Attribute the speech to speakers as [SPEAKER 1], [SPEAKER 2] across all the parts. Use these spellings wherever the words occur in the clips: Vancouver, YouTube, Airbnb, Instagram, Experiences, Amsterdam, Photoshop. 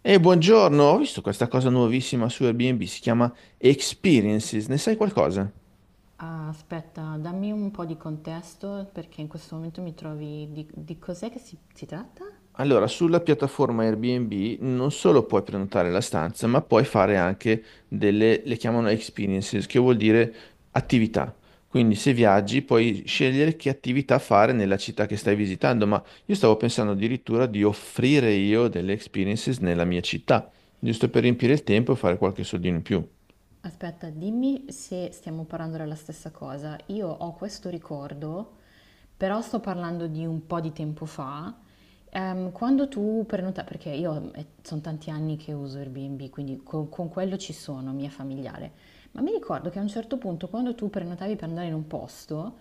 [SPEAKER 1] E buongiorno, ho visto questa cosa nuovissima su Airbnb, si chiama Experiences, ne sai qualcosa?
[SPEAKER 2] Ah, aspetta, dammi un po' di contesto perché in questo momento mi trovi. Di cos'è che si tratta?
[SPEAKER 1] Allora, sulla piattaforma Airbnb non solo puoi prenotare la stanza, ma puoi fare anche le chiamano Experiences, che vuol dire attività. Quindi se viaggi puoi scegliere che attività fare nella città che stai visitando, ma io stavo pensando addirittura di offrire io delle Experiences nella mia città, giusto per riempire il tempo e fare qualche soldino in più.
[SPEAKER 2] Aspetta, dimmi se stiamo parlando della stessa cosa. Io ho questo ricordo, però sto parlando di un po' di tempo fa. Quando tu prenotavi, perché io sono tanti anni che uso Airbnb, quindi con quello ci sono, mi è familiare. Ma mi ricordo che a un certo punto, quando tu prenotavi per andare in un posto,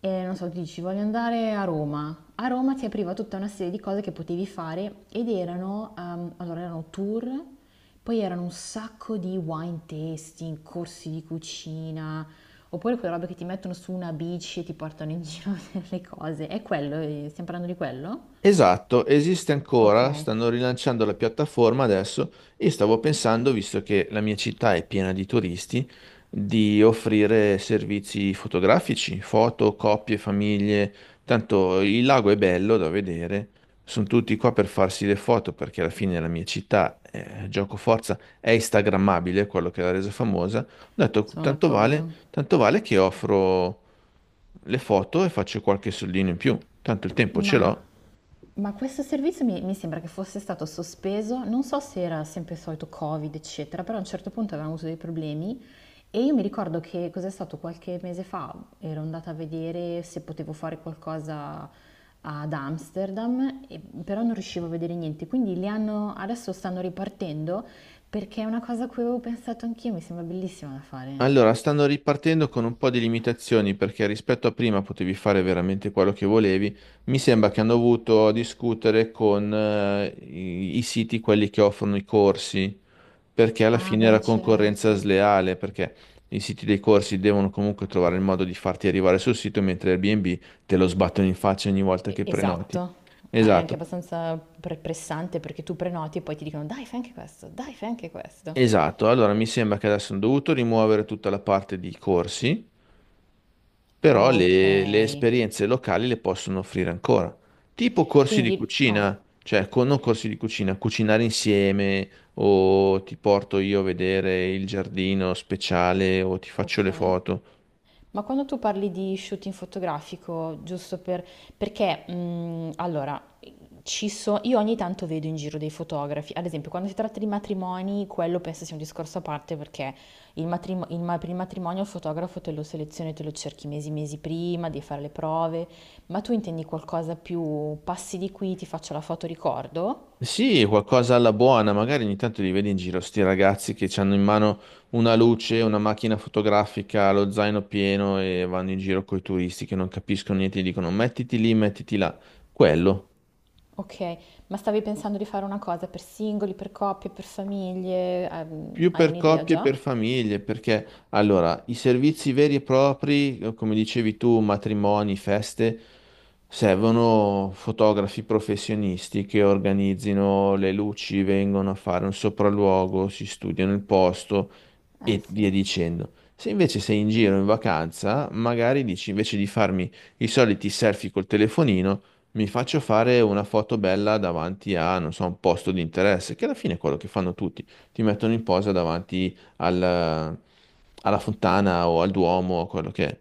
[SPEAKER 2] e non so, tu dici voglio andare a Roma. A Roma ti apriva tutta una serie di cose che potevi fare ed erano, allora erano tour, poi erano un sacco di wine tasting, corsi di cucina, oppure quelle robe che ti mettono su una bici e ti portano in giro a vedere le cose. È quello, stiamo parlando di quello?
[SPEAKER 1] Esatto, esiste
[SPEAKER 2] Ok,
[SPEAKER 1] ancora, stanno rilanciando la piattaforma adesso e stavo pensando, visto che la mia città è piena di turisti, di offrire servizi fotografici, foto, coppie, famiglie. Tanto il lago è bello da vedere, sono tutti qua per farsi le foto perché alla fine la mia città, gioco forza, è instagrammabile, quello che l'ha resa famosa. Ho detto,
[SPEAKER 2] sono d'accordo.
[SPEAKER 1] tanto vale che offro le foto e faccio qualche soldino in più, tanto il tempo ce
[SPEAKER 2] Ma
[SPEAKER 1] l'ho.
[SPEAKER 2] Ma questo servizio mi sembra che fosse stato sospeso, non so se era sempre il solito Covid, eccetera, però a un certo punto avevamo avuto dei problemi e io mi ricordo, che cos'è stato qualche mese fa, ero andata a vedere se potevo fare qualcosa ad Amsterdam, però non riuscivo a vedere niente, quindi li hanno, adesso stanno ripartendo perché è una cosa a cui avevo pensato anch'io, mi sembra bellissima da fare.
[SPEAKER 1] Allora, stanno ripartendo con un po' di limitazioni perché rispetto a prima potevi fare veramente quello che volevi. Mi sembra che hanno dovuto discutere con i siti, quelli che offrono i corsi, perché alla
[SPEAKER 2] Ah,
[SPEAKER 1] fine
[SPEAKER 2] beh,
[SPEAKER 1] era concorrenza
[SPEAKER 2] certo.
[SPEAKER 1] sleale, perché i siti dei corsi devono comunque trovare il modo di farti arrivare sul sito, mentre Airbnb te lo sbattono in faccia ogni volta che prenoti.
[SPEAKER 2] Esatto. Ah, è anche
[SPEAKER 1] Esatto,
[SPEAKER 2] abbastanza pressante perché tu prenoti e poi ti dicono dai, fai anche questo, dai, fai anche questo.
[SPEAKER 1] esatto. Allora, mi sembra che adesso hanno dovuto rimuovere tutta la parte di corsi però
[SPEAKER 2] Ok,
[SPEAKER 1] le esperienze locali le possono offrire ancora, tipo corsi di
[SPEAKER 2] quindi. Oh,
[SPEAKER 1] cucina, cioè con, non corsi di cucina, cucinare insieme o ti porto io a vedere il giardino speciale o ti faccio
[SPEAKER 2] ok.
[SPEAKER 1] le foto.
[SPEAKER 2] Ma quando tu parli di shooting fotografico, giusto per, perché, allora, io ogni tanto vedo in giro dei fotografi, ad esempio quando si tratta di matrimoni, quello penso sia un discorso a parte perché il matrimo- il ma- per il matrimonio il fotografo te lo selezioni, te lo cerchi mesi, mesi prima, devi fare le prove, ma tu intendi qualcosa più passi di qui, ti faccio la foto ricordo?
[SPEAKER 1] Sì, qualcosa alla buona, magari ogni tanto li vedi in giro, sti ragazzi che hanno in mano una luce, una macchina fotografica, lo zaino pieno e vanno in giro coi turisti che non capiscono niente, e dicono mettiti lì, mettiti là. Quello.
[SPEAKER 2] Ok, ma stavi pensando di fare una cosa per singoli, per coppie, per famiglie?
[SPEAKER 1] Più
[SPEAKER 2] Hai
[SPEAKER 1] per
[SPEAKER 2] un'idea
[SPEAKER 1] coppie e
[SPEAKER 2] già?
[SPEAKER 1] per famiglie, perché allora i servizi veri e propri, come dicevi tu, matrimoni, feste, servono fotografi professionisti che organizzino le luci, vengono a fare un sopralluogo, si studiano il posto
[SPEAKER 2] Eh
[SPEAKER 1] e via
[SPEAKER 2] sì,
[SPEAKER 1] dicendo. Se invece sei in giro in vacanza, magari dici invece di farmi i soliti selfie col telefonino, mi faccio fare una foto bella davanti a, non so, un posto di interesse, che alla fine è quello che fanno tutti ti mettono in posa davanti alla fontana o al Duomo o quello che è.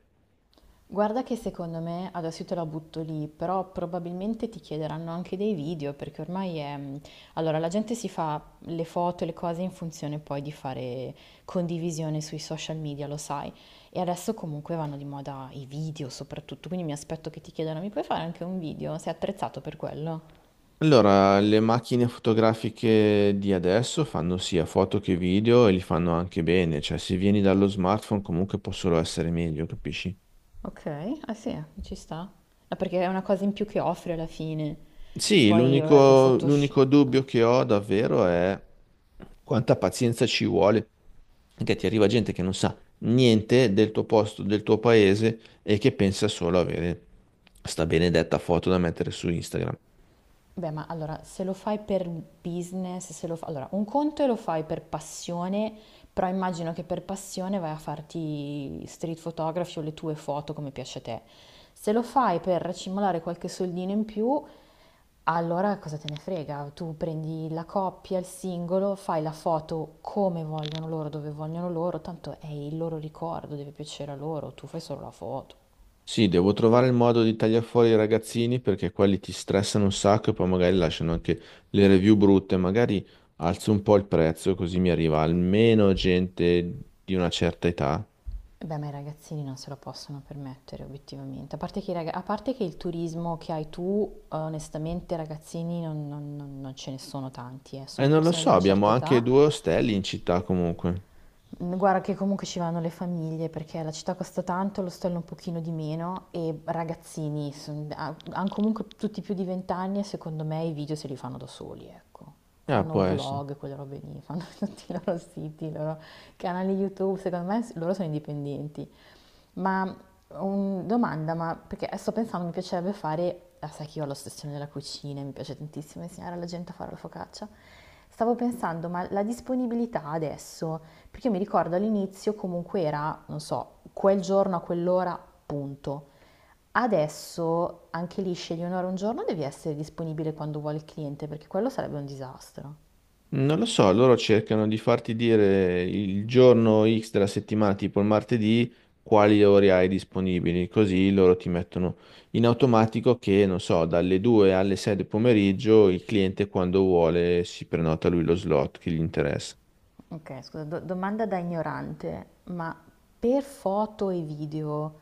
[SPEAKER 2] guarda che secondo me, adesso io te la butto lì, però probabilmente ti chiederanno anche dei video perché ormai è. Allora, la gente si fa le foto e le cose in funzione poi di fare condivisione sui social media, lo sai. E adesso comunque vanno di moda i video soprattutto, quindi mi aspetto che ti chiedano, mi puoi fare anche un video? Sei attrezzato per quello?
[SPEAKER 1] Allora, le macchine fotografiche di adesso fanno sia foto che video e li fanno anche bene, cioè se vieni dallo smartphone comunque può solo essere meglio, capisci?
[SPEAKER 2] Ok, ah sì, ci sta. No, perché è una cosa in più che offri alla fine.
[SPEAKER 1] Sì,
[SPEAKER 2] Poi, vabbè, col
[SPEAKER 1] l'unico
[SPEAKER 2] Photoshop.
[SPEAKER 1] l'unico dubbio che ho davvero è quanta pazienza ci vuole, perché ti arriva gente che non sa niente del tuo posto, del tuo paese e che pensa solo avere sta benedetta foto da mettere su Instagram.
[SPEAKER 2] Beh, ma allora, se lo fai per business, se lo fa. Allora, un conto è lo fai per passione, però immagino che per passione vai a farti street photography o le tue foto come piace a te. Se lo fai per racimolare qualche soldino in più, allora cosa te ne frega? Tu prendi la coppia, il singolo, fai la foto come vogliono loro, dove vogliono loro, tanto è il loro ricordo, deve piacere a loro, tu fai solo la foto.
[SPEAKER 1] Sì, devo trovare il modo di tagliare fuori i ragazzini perché quelli ti stressano un sacco e poi magari lasciano anche le review brutte. Magari alzo un po' il prezzo così mi arriva almeno gente di una certa età.
[SPEAKER 2] Eh, beh, ma i ragazzini non se lo possono permettere, obiettivamente. A parte che, a parte che il turismo che hai tu, onestamente, ragazzini non ce ne sono tanti, eh.
[SPEAKER 1] E
[SPEAKER 2] Sono
[SPEAKER 1] non lo
[SPEAKER 2] persone
[SPEAKER 1] so,
[SPEAKER 2] di una
[SPEAKER 1] abbiamo
[SPEAKER 2] certa
[SPEAKER 1] anche
[SPEAKER 2] età.
[SPEAKER 1] due ostelli in città comunque.
[SPEAKER 2] Guarda che comunque ci vanno le famiglie, perché la città costa tanto, l'ostello un pochino di meno, e ragazzini, hanno comunque tutti più di 20 anni e secondo me i video se li fanno da soli, ecco.
[SPEAKER 1] Ah,
[SPEAKER 2] Fanno
[SPEAKER 1] può essere.
[SPEAKER 2] vlog, quelle robe lì, fanno tutti i loro siti, i loro canali YouTube, secondo me loro sono indipendenti. Ma domanda, ma perché sto pensando, mi piacerebbe fare, ah, sai che io ho l'ossessione della cucina, e mi piace tantissimo insegnare alla gente a fare la focaccia. Stavo pensando, ma la disponibilità adesso, perché io mi ricordo all'inizio comunque era, non so, quel giorno a quell'ora, punto. Adesso anche lì scegli un'ora un giorno, devi essere disponibile quando vuole il cliente, perché quello sarebbe un disastro.
[SPEAKER 1] Non lo so, loro cercano di farti dire il giorno X della settimana, tipo il martedì, quali ore hai disponibili, così loro ti mettono in automatico che, non so, dalle 2 alle 6 del pomeriggio il cliente quando vuole si prenota lui lo slot che gli interessa.
[SPEAKER 2] Ok, scusa, domanda da ignorante, ma per foto e video,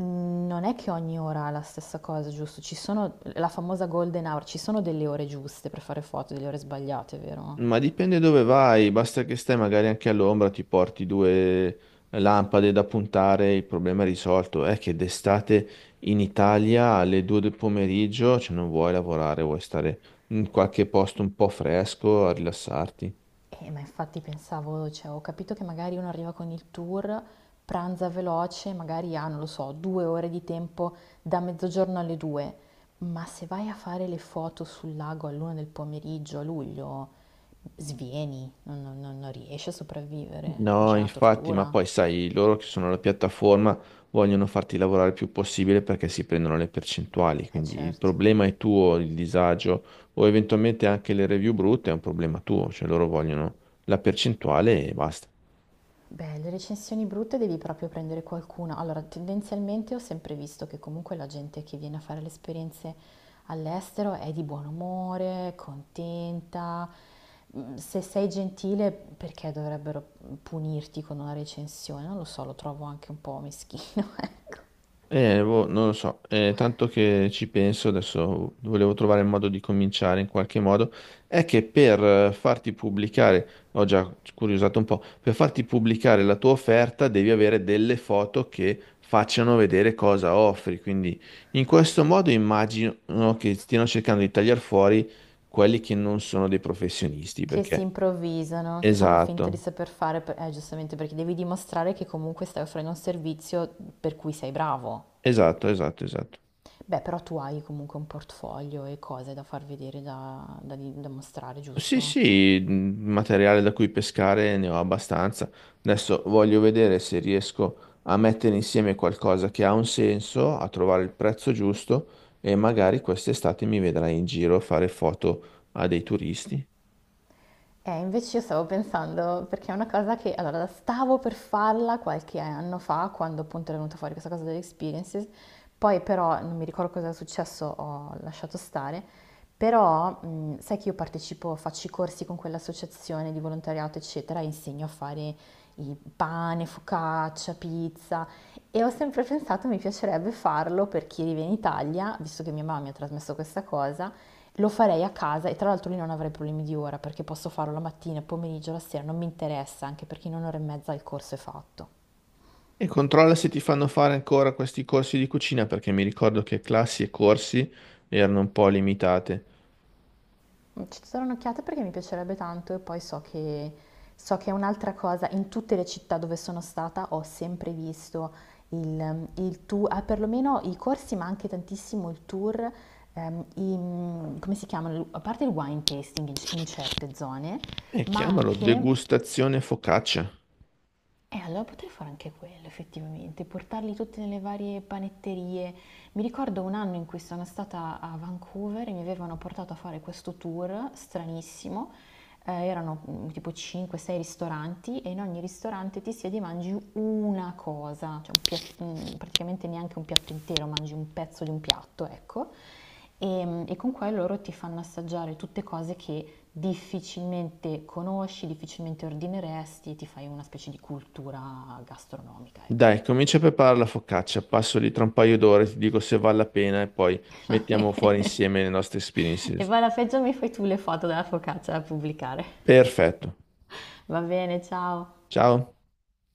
[SPEAKER 2] non è che ogni ora ha la stessa cosa, giusto? Ci sono la famosa golden hour, ci sono delle ore giuste per fare foto, delle ore sbagliate, vero?
[SPEAKER 1] Ma dipende dove vai, basta che stai magari anche all'ombra, ti porti due lampade da puntare, il problema è risolto. È che d'estate in Italia alle 2 del pomeriggio, cioè non vuoi lavorare, vuoi stare in qualche posto un po' fresco a rilassarti.
[SPEAKER 2] Ma infatti pensavo, cioè ho capito che magari uno arriva con il tour, pranza veloce, magari ha, non lo so, 2 ore di tempo da mezzogiorno alle due, ma se vai a fare le foto sul lago all'una del pomeriggio a luglio, svieni, non riesci a sopravvivere,
[SPEAKER 1] No,
[SPEAKER 2] c'è una
[SPEAKER 1] infatti, ma
[SPEAKER 2] tortura,
[SPEAKER 1] poi sai, loro che sono la piattaforma vogliono farti lavorare il più possibile perché si prendono le percentuali,
[SPEAKER 2] eh
[SPEAKER 1] quindi il
[SPEAKER 2] certo.
[SPEAKER 1] problema è tuo, il disagio o eventualmente anche le review brutte è un problema tuo, cioè loro vogliono la percentuale e basta.
[SPEAKER 2] Beh, le recensioni brutte devi proprio prendere qualcuna. Allora, tendenzialmente ho sempre visto che comunque la gente che viene a fare le esperienze all'estero è di buon umore, contenta. Se sei gentile, perché dovrebbero punirti con una recensione? Non lo so, lo trovo anche un po' meschino, ecco.
[SPEAKER 1] Boh, non lo so. Tanto che ci penso, adesso volevo trovare il modo di cominciare in qualche modo, è che per farti pubblicare, ho già curiosato un po', per farti pubblicare la tua offerta devi avere delle foto che facciano vedere cosa offri, quindi in questo modo immagino che stiano cercando di tagliare fuori quelli che non sono dei professionisti,
[SPEAKER 2] Che si
[SPEAKER 1] perché...
[SPEAKER 2] improvvisano, che fanno finta di
[SPEAKER 1] Esatto,
[SPEAKER 2] saper fare, giustamente perché devi dimostrare che comunque stai offrendo un servizio per cui sei bravo.
[SPEAKER 1] esatto, esatto, esatto.
[SPEAKER 2] Beh, però tu hai comunque un portfolio e cose da far vedere, da mostrare,
[SPEAKER 1] Sì,
[SPEAKER 2] giusto?
[SPEAKER 1] sì, materiale da cui pescare ne ho abbastanza. Adesso voglio vedere se riesco a mettere insieme qualcosa che ha un senso, a trovare il prezzo giusto e magari quest'estate mi vedrai in giro a fare foto a dei turisti.
[SPEAKER 2] Invece io stavo pensando, perché è una cosa che, allora, stavo per farla qualche anno fa, quando appunto era venuta fuori questa cosa delle experiences, poi però, non mi ricordo cosa è successo, ho lasciato stare, però sai che io partecipo, faccio i corsi con quell'associazione di volontariato, eccetera, e insegno a fare il pane, focaccia, pizza, e ho sempre pensato mi piacerebbe farlo per chi vive in Italia, visto che mia mamma mi ha trasmesso questa cosa, lo farei a casa e tra l'altro lì non avrei problemi di ora perché posso farlo la mattina, il pomeriggio, la sera, non mi interessa, anche perché in un'ora e mezza il corso è fatto.
[SPEAKER 1] E controlla se ti fanno fare ancora questi corsi di cucina perché mi ricordo che classi e corsi erano un po' limitate.
[SPEAKER 2] Ci darò un'occhiata perché mi piacerebbe tanto e poi so che, è un'altra cosa, in tutte le città dove sono stata ho sempre visto il tour, ah, perlomeno i corsi ma anche tantissimo il tour, come si chiamano, a parte il wine tasting in certe zone,
[SPEAKER 1] E
[SPEAKER 2] ma
[SPEAKER 1] chiamalo
[SPEAKER 2] anche
[SPEAKER 1] degustazione focaccia.
[SPEAKER 2] e allora potrei fare anche quello, effettivamente, portarli tutti nelle varie panetterie. Mi ricordo un anno in cui sono stata a Vancouver e mi avevano portato a fare questo tour stranissimo. Erano, tipo 5-6 ristoranti e in ogni ristorante ti siedi e mangi una cosa, cioè praticamente neanche un piatto intero, mangi un pezzo di un piatto, ecco. E con quello loro ti fanno assaggiare tutte cose che difficilmente conosci, difficilmente ordineresti e ti fai una specie di cultura gastronomica, ecco.
[SPEAKER 1] Dai, comincia a preparare la focaccia, passo lì tra un paio d'ore, ti dico se vale la pena e poi mettiamo fuori insieme le nostre
[SPEAKER 2] E
[SPEAKER 1] experiences.
[SPEAKER 2] poi alla peggio mi fai tu le foto della focaccia da pubblicare.
[SPEAKER 1] Perfetto.
[SPEAKER 2] Va bene, ciao.
[SPEAKER 1] Ciao.